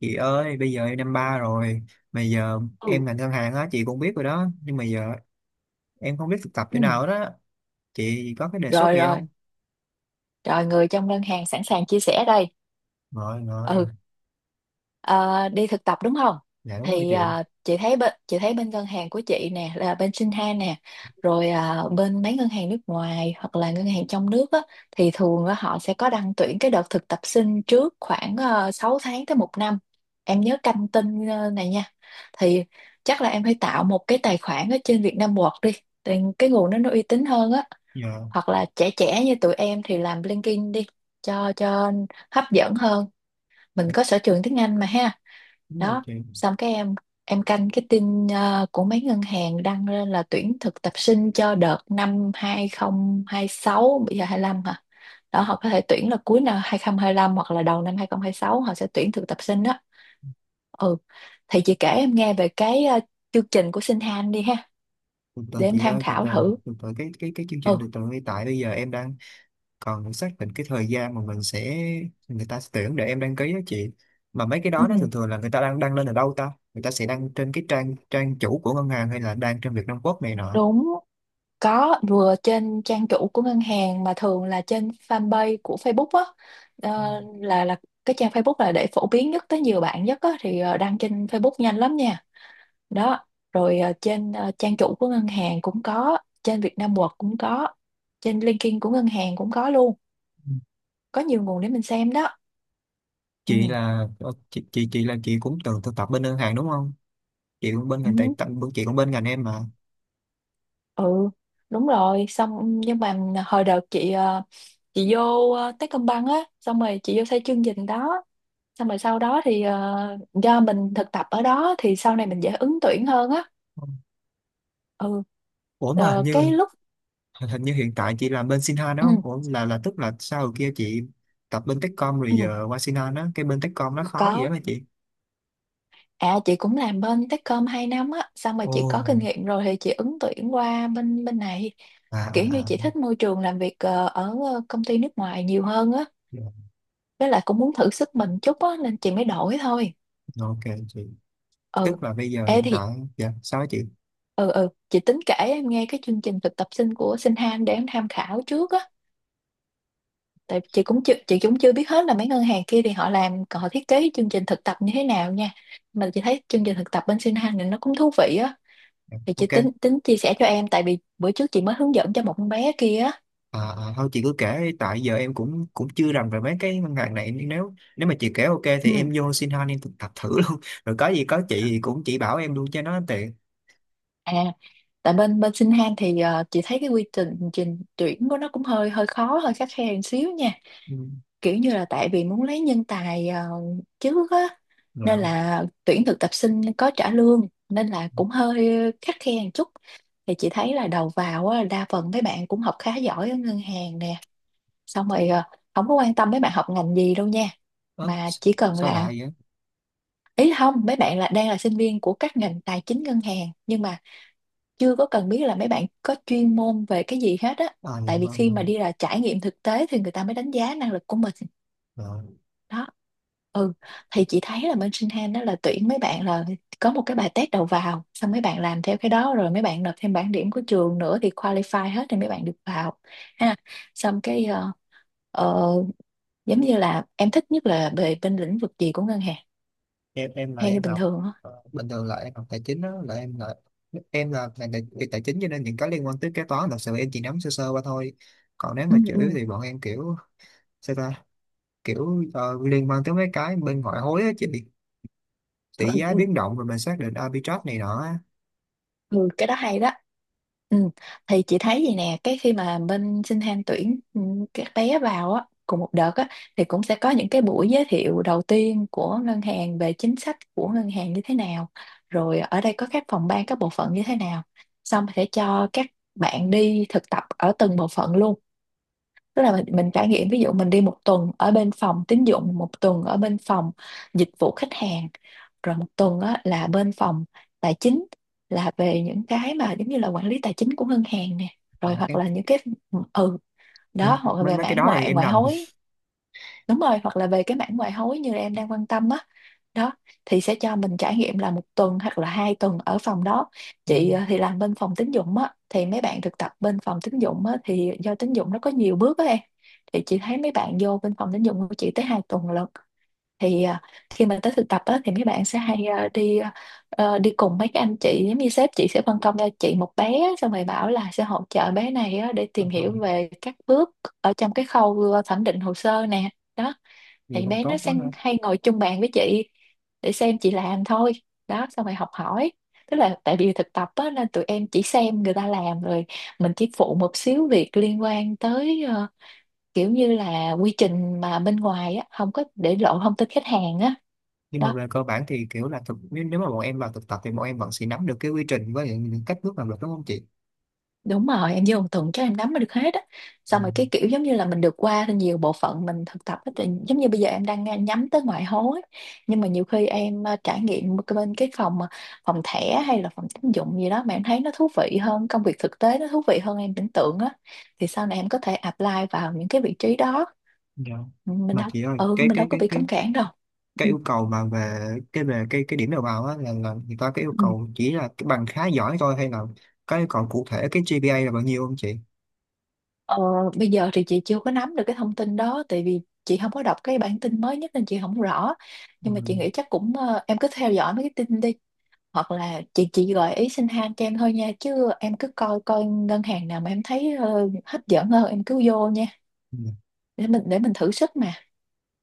Chị ơi, bây giờ em năm ba rồi, mà giờ em Ừ. ngành ngân hàng á, chị cũng biết rồi đó, nhưng mà giờ em không biết thực tập chỗ Ừ. nào đó. Chị có cái đề xuất Rồi gì rồi, không? rồi người trong ngân hàng sẵn sàng chia sẻ đây. Rồi rồi. Ừ. Ờ, Đi thực tập đúng không? Dạ đúng rồi Thì chị. Chị thấy bên ngân hàng của chị nè là bên Shinhan nè, rồi bên mấy ngân hàng nước ngoài hoặc là ngân hàng trong nước á, thì thường á họ sẽ có đăng tuyển cái đợt thực tập sinh trước khoảng 6 tháng tới một năm. Em nhớ canh tin này nha. Thì chắc là em phải tạo một cái tài khoản ở trên Vietnam Work đi. Thì cái nguồn đó nó uy tín hơn á, Dạ hoặc là trẻ trẻ như tụi em thì làm LinkedIn đi cho hấp dẫn hơn, mình có sở trường tiếng Anh mà ha. đúng rồi Đó, chị. xong cái em canh cái tin của mấy ngân hàng đăng lên là tuyển thực tập sinh cho đợt năm 2026, bây giờ 25 hả. Đó, họ có thể tuyển là cuối năm 2025 hoặc là đầu năm 2026, họ sẽ tuyển thực tập sinh đó. Ừ, thì chị kể em nghe về cái chương trình của Sinh Han đi ha, Từ để từ em chị tham ơi, từ khảo từ. thử. Từ từ, cái chương trình, Ừ. từ từ, hiện tại bây giờ em đang còn xác định cái thời gian mà mình sẽ, người ta sẽ tuyển để em đăng ký đó chị. Mà mấy cái Ừ, đó nó thường thường là người ta đang đăng lên ở đâu ta? Người ta sẽ đăng trên cái trang trang chủ của ngân hàng hay là đăng trên Việt Nam Quốc này nọ? đúng. Có, vừa trên trang chủ của ngân hàng, mà thường là trên fanpage của Facebook á. Là cái trang Facebook là để phổ biến nhất tới nhiều bạn nhất á, thì đăng trên Facebook nhanh lắm nha. Đó. Rồi trên trang chủ của ngân hàng cũng có, trên Vietnam World cũng có, trên LinkedIn của ngân hàng cũng có luôn. Ừ. Có nhiều nguồn để mình xem đó. Ừ. Chị là chị là chị cũng từng thực tập bên ngân hàng đúng không? Chị cũng bên ngành tài Ừ. tận, chị cũng bên ngành em mà. Ừ. Đúng rồi, xong nhưng mà hồi đợt chị vô Techcombank á, xong rồi chị vô xây chương trình đó, xong rồi sau đó thì do mình thực tập ở đó thì sau này mình dễ ứng tuyển hơn á. Ừ. Ủa mà hình Cái như, lúc hình như hiện tại chị làm bên Sinhan đó ừ, không? Ủa là, tức là sau hồi kia chị tập bên Techcom rồi ừ, giờ qua Sinhan á, cái bên Techcom nó khó gì đó có. mà chị? À, chị cũng làm bên Techcom 2 năm á, xong rồi Ồ. chị có kinh nghiệm rồi thì chị ứng tuyển qua bên bên này, À, kiểu như à, à. chị thích môi trường làm việc ở công ty nước ngoài nhiều hơn á, Dạ. với lại cũng muốn thử sức mình chút á nên chị mới đổi thôi. Ok chị. Ừ, Tức là bây giờ ê hiện thì tại, dạ sao á chị? ừ ừ, chị tính kể em nghe cái chương trình thực tập sinh của Sinh Han để em tham khảo trước á, tại chị cũng chưa biết hết là mấy ngân hàng kia thì họ làm, còn họ thiết kế chương trình thực tập như thế nào nha. Mà chị thấy chương trình thực tập bên Sinh Hanh này nó cũng thú vị á, thì chị Ok. tính tính chia sẻ cho em tại vì bữa trước chị mới hướng dẫn cho một con bé kia á. À, à, thôi chị cứ kể đi, tại giờ em cũng cũng chưa rành về mấy cái ngân hàng này, nên nếu, nếu mà chị kể ok thì Ừ. em vô xin han em thực tập thử luôn rồi có gì có chị thì cũng chỉ bảo em luôn cho nó tiện. À, tại bên bên Sinh Han thì chị thấy cái quy trình trình tuyển của nó cũng hơi hơi khó, hơi khắt khe một xíu nha. Ừ. Kiểu như là tại vì muốn lấy nhân tài trước á, nên Rồi. là tuyển thực tập sinh có trả lương nên là cũng hơi khắt khe một chút. Thì chị thấy là đầu vào á, đa phần mấy bạn cũng học khá giỏi ở ngân hàng nè. Xong rồi không có quan tâm mấy bạn học ngành gì đâu nha. Ớ, Mà chỉ cần sao là, lại vậy? ý là không, mấy bạn là đang là sinh viên của các ngành tài chính ngân hàng, nhưng mà chưa có cần biết là mấy bạn có chuyên môn về cái gì hết á. À dạ Tại vì vâng khi vâng. mà đi là trải nghiệm thực tế thì người ta mới đánh giá năng lực của mình. Rồi, Đó. Ừ, thì chị thấy là bên Sinh đó là tuyển mấy bạn là có một cái bài test đầu vào, xong mấy bạn làm theo cái đó rồi mấy bạn nộp thêm bảng điểm của trường nữa, thì qualify hết thì mấy bạn được vào ha. Xong cái ờ, giống như là em thích nhất là về bên lĩnh vực gì của ngân hàng em là theo như em bình học, thường á. Bình thường là em học tài chính đó, là em là, em là ngành tài, về tài chính, cho nên những cái liên quan tới kế toán thật sự em chỉ nắm sơ sơ qua thôi. Còn nếu Ừ, mà chủ yếu ừ, thì bọn em kiểu, sao ta, kiểu liên quan tới mấy cái bên ngoại hối á chị. Tỷ ừ, giá ừ. biến động rồi mình xác định arbitrage này nọ á. Ừ, cái đó hay đó. Ừ. Thì chị thấy vậy nè, cái khi mà bên Sinh tham tuyển các bé vào á, cùng một đợt á, thì cũng sẽ có những cái buổi giới thiệu đầu tiên của ngân hàng về chính sách của ngân hàng như thế nào, rồi ở đây có các phòng ban, các bộ phận như thế nào. Xong sẽ cho các bạn đi thực tập ở từng bộ phận luôn, tức là mình trải nghiệm, ví dụ mình đi một tuần ở bên phòng tín dụng, một tuần ở bên phòng dịch vụ khách hàng, rồi một tuần á là bên phòng tài chính, là về những cái mà giống như là quản lý tài chính của ngân hàng nè, Ờ, rồi hoặc cái là những cái ừ mấy, đó, hoặc là mấy về mấy cái mảng đó thì ngoại em ngoại rành. hối. Đúng rồi, hoặc là về cái mảng ngoại hối như em đang quan tâm á. Đó, thì sẽ cho mình trải nghiệm là một tuần hoặc là 2 tuần ở phòng đó. Ừ. Chị thì làm bên phòng tín dụng á, thì mấy bạn thực tập bên phòng tín dụng á thì do tín dụng nó có nhiều bước á em. Thì chị thấy mấy bạn vô bên phòng tín dụng của chị tới 2 tuần lận. Thì khi mà tới thực tập á thì mấy bạn sẽ hay đi cùng mấy cái anh chị, giống như sếp chị sẽ phân công cho chị một bé á, xong rồi bảo là sẽ hỗ trợ bé này á để Ờ, tìm ờ, hiểu về các bước ở trong cái khâu thẩm định hồ sơ nè. Đó, vậy thì còn bé nó tốt quá ha. sang hay ngồi chung bàn với chị để xem chị làm thôi. Đó, xong rồi học hỏi. Tức là tại vì thực tập á nên tụi em chỉ xem người ta làm, rồi mình chỉ phụ một xíu việc liên quan tới kiểu như là quy trình mà bên ngoài á không có, để lộ thông tin khách hàng á. Nhưng mà Đó. về cơ bản thì kiểu là thực, nếu, nếu mà bọn em vào thực tập thì bọn em vẫn sẽ nắm được cái quy trình với những cách bước làm việc, đúng không chị? Đúng rồi, em vô một tuần chắc em nắm được hết á. Ừ. Xong rồi cái kiểu giống như là mình được qua nhiều bộ phận mình thực tập á, thì giống như bây giờ em đang nhắm tới ngoại hối. Nhưng mà nhiều khi em trải nghiệm cái bên cái phòng thẻ hay là phòng tín dụng gì đó mà em thấy nó thú vị hơn, công việc thực tế nó thú vị hơn em tưởng tượng á. Thì sau này em có thể apply vào những cái vị trí đó. Dạ. Mình Mà đâu, chị ơi, ừ, cái mình đâu cái có cái bị cái cấm cản đâu. cái Ừ. yêu cầu mà về cái, về cái điểm đầu vào á là, người ta cái yêu Ừ. cầu chỉ là cái bằng khá giỏi thôi, hay là có yêu cầu cụ thể cái GPA là bao nhiêu không chị? Ờ, Bây giờ thì chị chưa có nắm được cái thông tin đó tại vì chị không có đọc cái bản tin mới nhất nên chị không rõ, Ừ. nhưng mà chị nghĩ chắc cũng em cứ theo dõi mấy cái tin đi, hoặc là chị gợi ý xin han cho em thôi nha, chứ em cứ coi coi ngân hàng nào mà em thấy hấp dẫn hơn em cứ vô nha, Ừ. để mình thử sức mà.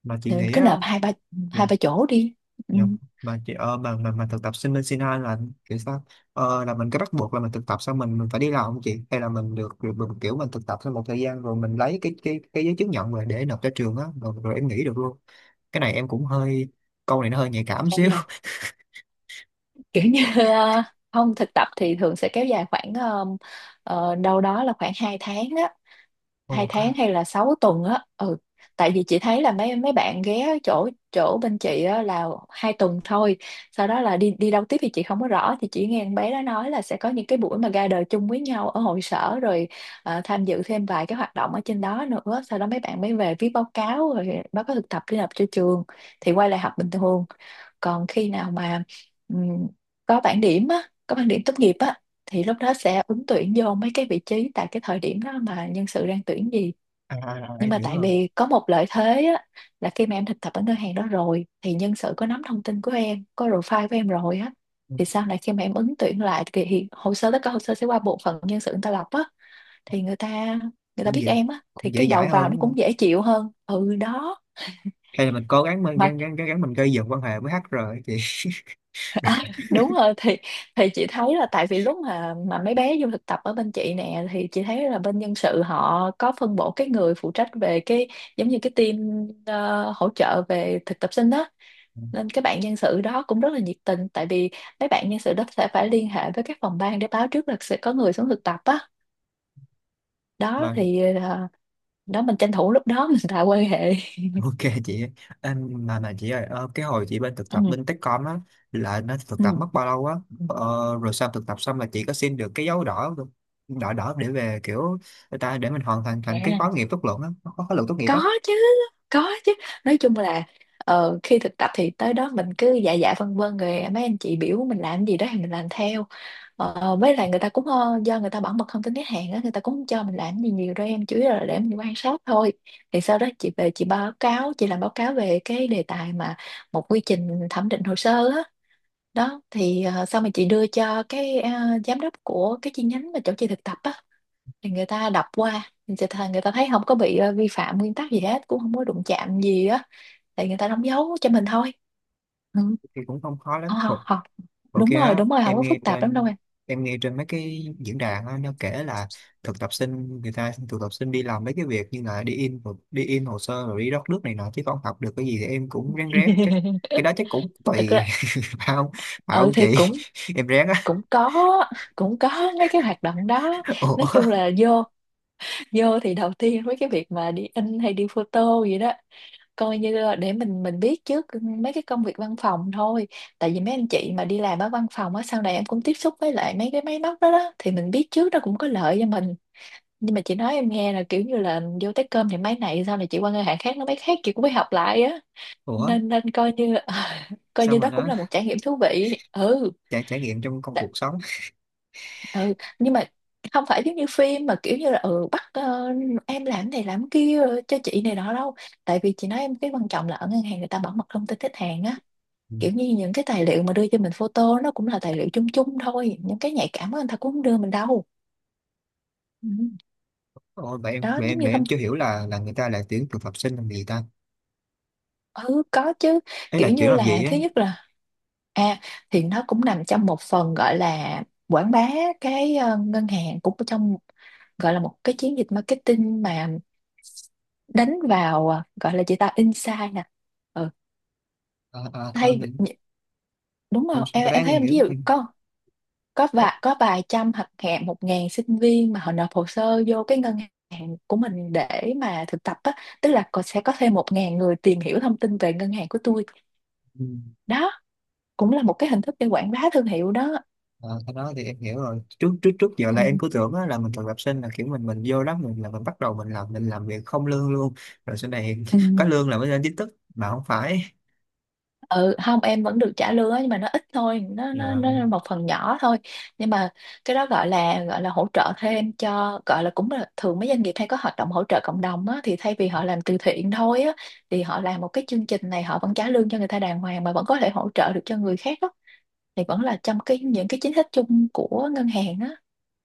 Mà chị Thì mình nghĩ cứ á. nộp hai ba chỗ đi. Ừ. Dạ. Mà chị mà thực tập sinh bên Sinh Hai là kiểu sao, là mình có bắt buộc là mình thực tập xong mình phải đi làm không chị, hay là mình được được, được kiểu mình thực tập sau một thời gian rồi mình lấy cái giấy chứng nhận rồi để nộp cho trường á, rồi, rồi em nghỉ được luôn? Cái này em cũng hơi, câu này nó hơi nhạy cảm À, xíu. kiểu như ờ, không thực tập thì thường sẽ kéo dài khoảng đâu đó là khoảng 2 tháng á, hai Ồ, có- tháng hay là 6 tuần á. Ừ, tại vì chị thấy là mấy mấy bạn ghé chỗ chỗ bên chị á là 2 tuần thôi, sau đó là đi đi đâu tiếp thì chị không có rõ, thì chỉ nghe con bé đó nói là sẽ có những cái buổi mà gather chung với nhau ở hội sở rồi tham dự thêm vài cái hoạt động ở trên đó nữa, sau đó mấy bạn mới về viết báo cáo, rồi báo cáo thực tập đi nộp cho trường, thì quay lại học bình thường. Còn khi nào mà ừm, có bảng điểm á, có bảng điểm tốt nghiệp á, thì lúc đó sẽ ứng tuyển vô mấy cái vị trí tại cái thời điểm đó mà nhân sự đang tuyển gì. à, à, à, Nhưng em mà hiểu tại rồi. vì có một lợi thế á, là khi mà em thực tập ở ngân hàng đó rồi thì nhân sự có nắm thông tin của em, có profile của em rồi á, Ừ, thì sau này khi mà em ứng tuyển lại thì hồ sơ, tất cả hồ sơ sẽ qua bộ phận nhân sự người ta lọc á, thì người ta cũng biết dễ, em á thì cũng dễ cái đầu dãi hơn vào nó đúng không, cũng dễ chịu hơn. Ừ, đó hay là mình cố gắng mình mà gắng gắng, gắng gắng mình gây dựng quan hệ với HR ấy chị? đúng rồi. Thì chị thấy là tại vì lúc mà mấy bé vô thực tập ở bên chị nè, thì chị thấy là bên nhân sự họ có phân bổ cái người phụ trách về cái, giống như cái team hỗ trợ về thực tập sinh đó. Nên các bạn nhân sự đó cũng rất là nhiệt tình, tại vì mấy bạn nhân sự đó sẽ phải liên hệ với các phòng ban để báo trước là sẽ có người xuống thực tập á. Đó Mà. thì đó mình tranh thủ lúc đó mình tạo quan hệ. Ok chị ơi. Em mà chị ơi cái hồi chị bên thực tập Ừ, bên Techcom á là nó thực tập mất bao lâu á? ờ, Rồi sau thực tập xong là chị có xin được cái dấu đỏ không? Đỏ đỏ để về kiểu người ta để mình hoàn thành ừ. thành cái khóa nghiệm tốt luận á, khóa, khóa luận tốt nghiệp á? Có chứ, có chứ. Nói chung là khi thực tập thì tới đó mình cứ dạ dạ vân vân rồi mấy anh chị biểu mình làm gì đó thì mình làm theo. Với lại người ta cũng do người ta bảo mật thông tin khách hàng á, người ta cũng không cho mình làm gì nhiều đâu em, chủ yếu là để mình quan sát thôi. Thì sau đó chị về chị báo cáo, chị làm báo cáo về cái đề tài mà một quy trình thẩm định hồ sơ á. Đó thì sau mà chị đưa cho cái giám đốc của cái chi nhánh mà chỗ chị thực tập á, thì người ta đọc qua thì người ta thấy không có bị vi phạm nguyên tắc gì hết, cũng không có đụng chạm gì á, thì người ta đóng dấu cho mình thôi. Ừ. Thì cũng không khó lắm. Không, không, không. Ok Đúng rồi, á, đúng rồi, không em có nghe phức tạp lắm đâu trên, em. em nghe trên mấy cái diễn đàn á, nó kể là thực tập sinh, người ta thực tập sinh đi làm mấy cái việc như là đi in hồ sơ rồi đi rót nước này nọ chứ không học được cái gì, thì em cũng ráng ráng cái cái đó chắc cũng Thực tùy. ra Phải không, phải ừ không thì chị? cũng Em ráng á. cũng có cũng có mấy cái hoạt động đó. Nói chung Ủa. là vô, vô thì đầu tiên với cái việc mà đi in hay đi photo gì đó, coi như là để mình biết trước mấy cái công việc văn phòng thôi. Tại vì mấy anh chị mà đi làm ở văn phòng á, sau này em cũng tiếp xúc với lại mấy cái máy móc đó đó, thì mình biết trước nó cũng có lợi cho mình. Nhưng mà chị nói em nghe là kiểu như là vô tới cơm thì máy này, sau này chị qua ngân hàng khác nó máy khác, chị cũng phải học lại á. Ủa Nên nên coi như, coi sao như mà đó cũng nó, là một trải nghiệm thú vị. Ừ, trải, trải nghiệm trong công cuộc sống. ừ. Nhưng mà không phải giống như phim mà kiểu như là ừ bắt em làm này làm kia cho chị này đó đâu. Tại vì chị nói em cái quan trọng là ở ngân hàng người ta bảo mật thông tin khách hàng á, Ừ. kiểu như những cái tài liệu mà đưa cho mình photo nó cũng là tài liệu chung chung thôi, những cái nhạy cảm á, người ta cũng không đưa mình đâu. Ừ. Ôi vậy em, Đó vậy giống em, như vậy thông em chưa hiểu là người ta lại tuyển thực tập sinh làm gì ta, ừ có chứ. ấy Kiểu là tuyển như làm là gì á? thứ nhất là à thì nó cũng nằm trong một phần gọi là quảng bá cái ngân hàng, cũng trong gọi là một cái chiến dịch marketing mà đánh vào, à, gọi là chị ta insight nè. Ừ. À, à, thôi Hay mình, nhỉ- đúng không, không em, cái đó em thấy em em hiểu. ví dụ có có vài trăm hoặc hẹn 1.000 sinh viên mà họ nộp hồ sơ vô cái ngân hàng của mình để mà thực tập á, tức là còn sẽ có thêm 1.000 người tìm hiểu thông tin về ngân hàng của tôi. Ừ. Đó cũng là một cái hình thức để quảng bá thương hiệu đó. Ờ, cái đó thì em hiểu rồi. Trước, trước, trước giờ Ừ, là em cứ tưởng á, là mình thực tập sinh là kiểu mình vô đó mình là mình bắt đầu mình làm, mình làm việc không lương luôn, rồi sau này ừ. có lương là mới lên chính thức, mà không phải. Ừ, không em vẫn được trả lương á, nhưng mà nó ít thôi, nó nó Dạ. nó là một phần nhỏ thôi. Nhưng mà cái đó gọi là, gọi là hỗ trợ thêm cho, gọi là cũng là thường mấy doanh nghiệp hay có hoạt động hỗ trợ cộng đồng á, thì thay vì họ làm từ thiện thôi á, thì họ làm một cái chương trình này họ vẫn trả lương cho người ta đàng hoàng mà vẫn có thể hỗ trợ được cho người khác á, thì vẫn là trong cái những cái chính sách chung của ngân hàng á,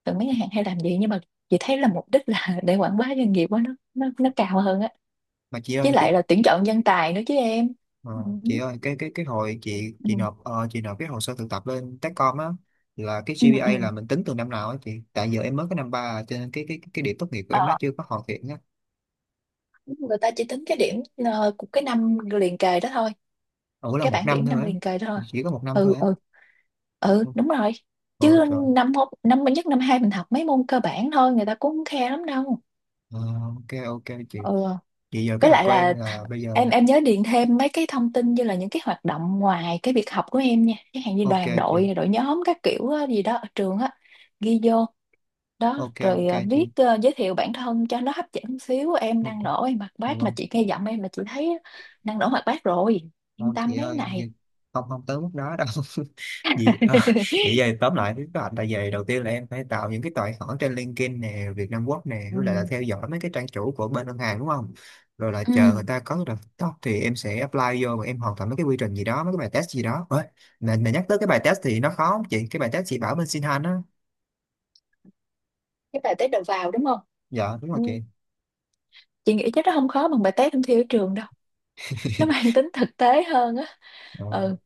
thường mấy ngân hàng hay làm gì. Nhưng mà chị thấy là mục đích là để quảng bá doanh nghiệp á, nó cao hơn á. Mà chị ơi Với cái lại là tuyển chọn nhân tài nữa chứ em. ờ, Ừ. chị ơi cái hồi chị Ừ. chị nộp chị nộp cái hồ sơ thực tập lên Techcom á là cái Ừ. GPA là Ừ. mình tính từ năm nào á chị? Tại giờ em mới có năm ba à, cho nên cái điểm tốt nghiệp của em nó Ờ. chưa có hoàn thiện á. Người ta chỉ tính cái điểm của cái năm liền kề đó thôi, Ủa là cái một bảng năm điểm năm thôi á? liền kề đó thôi. Chỉ có một năm Ừ, thôi á? ừ, ừ đúng rồi. Ồ Chứ trời. năm năm nhất năm hai mình học mấy môn cơ bản thôi, người ta cũng không khe lắm đâu. Ờ, ok ok chị. Ừ, Vậy giờ kế với hoạch lại của em là là bây giờ, em nhớ điền thêm mấy cái thông tin như là những cái hoạt động ngoài cái việc học của em nha, cái hàng như ok đoàn chị, đội đội nhóm các kiểu á, gì đó ở trường á, ghi vô đó. ok ok Rồi chị, viết giới thiệu bản thân cho nó hấp dẫn xíu, em ok, năng nổ em hoạt dạ bát, mà vâng. chị nghe giọng em là chị thấy năng nổ hoạt bát rồi, yên Không tâm chị mấy ơi, này. không không tới mức đó đâu. Vậy à, vậy giờ tóm lại với các bạn, tại vì đầu tiên là em phải tạo những cái tài khoản trên LinkedIn nè, Việt Nam Quốc nè, với lại là Ừ. theo dõi mấy cái trang chủ của bên ngân hàng, đúng không? Rồi là chờ Ừ. người ta có cái đợt top thì em sẽ apply vô và em hoàn thành mấy cái quy trình gì đó, mấy cái bài test gì đó. Ôi, mà nhắc tới cái bài test thì nó khó không chị, cái bài test chị bảo bên Sinhan á? Cái bài test đầu vào đúng không. Dạ đúng rồi Ừ. chị. Chị nghĩ chắc nó không khó bằng bài test thông thi ở trường đâu, nó mang tính thực tế hơn á. Dạ vâng. Ừ,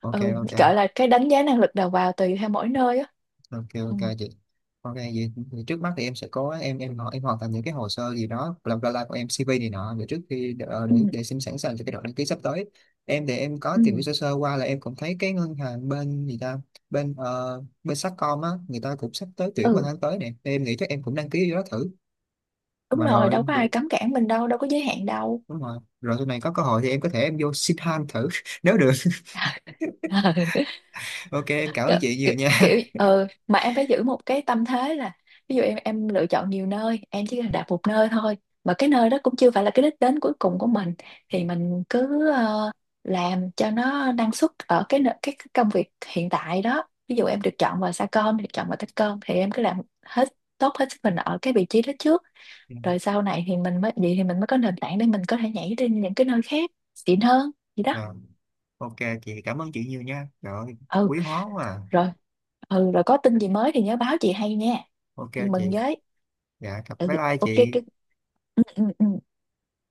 Ok ừ ok. gọi là cái đánh giá năng lực đầu vào, tùy theo mỗi nơi á. Ok Ừ, ok chị. Ok vậy, vậy trước mắt thì em sẽ có, em họ, em hoàn thành những cái hồ sơ gì đó làm ra của em, CV này nọ, để trước khi ừ, để xem sẵn sàng cho cái đợt đăng ký sắp tới. Em thì em có tìm hiểu ừ. sơ sơ qua là em cũng thấy cái ngân hàng bên gì ta, bên bên Sacom á, người ta cũng sắp tới tuyển vào Ừ, tháng tới nè, em nghĩ chắc em cũng đăng ký vô đó thử. đúng Mà rồi rồi đâu có ai rồi- cấm cản mình đâu, đâu có giới hạn đâu. đúng rồi, rồi sau này có cơ hội thì em có thể em vô xin han thử nếu được. Ok em cảm kiểu, ơn chị nhiều nha. Kiểu mà em phải giữ một cái tâm thế là, ví dụ em lựa chọn nhiều nơi, em chỉ cần đạp một nơi thôi, mà cái nơi đó cũng chưa phải là cái đích đến cuối cùng của mình, thì mình cứ làm cho nó năng suất ở cái nợ- cái công việc hiện tại đó. Ví dụ em được chọn vào Sacom, được chọn vào Techcom, thì em cứ làm hết tốt hết sức mình ở cái vị trí đó trước. Dạ. Rồi sau này thì mình mới vậy thì mình mới có nền tảng để mình có thể nhảy đến những cái nơi khác xịn hơn gì đó. Vâng, ok chị, cảm ơn chị nhiều nha. Trời ơi, Ừ, quý hóa quá à. rồi. Ừ, rồi có tin gì mới thì nhớ báo chị hay nha, Ok chị mừng chị. với. Dạ cảm- Ừ, bye bye ok chị. cái ừ, ừ, ừ.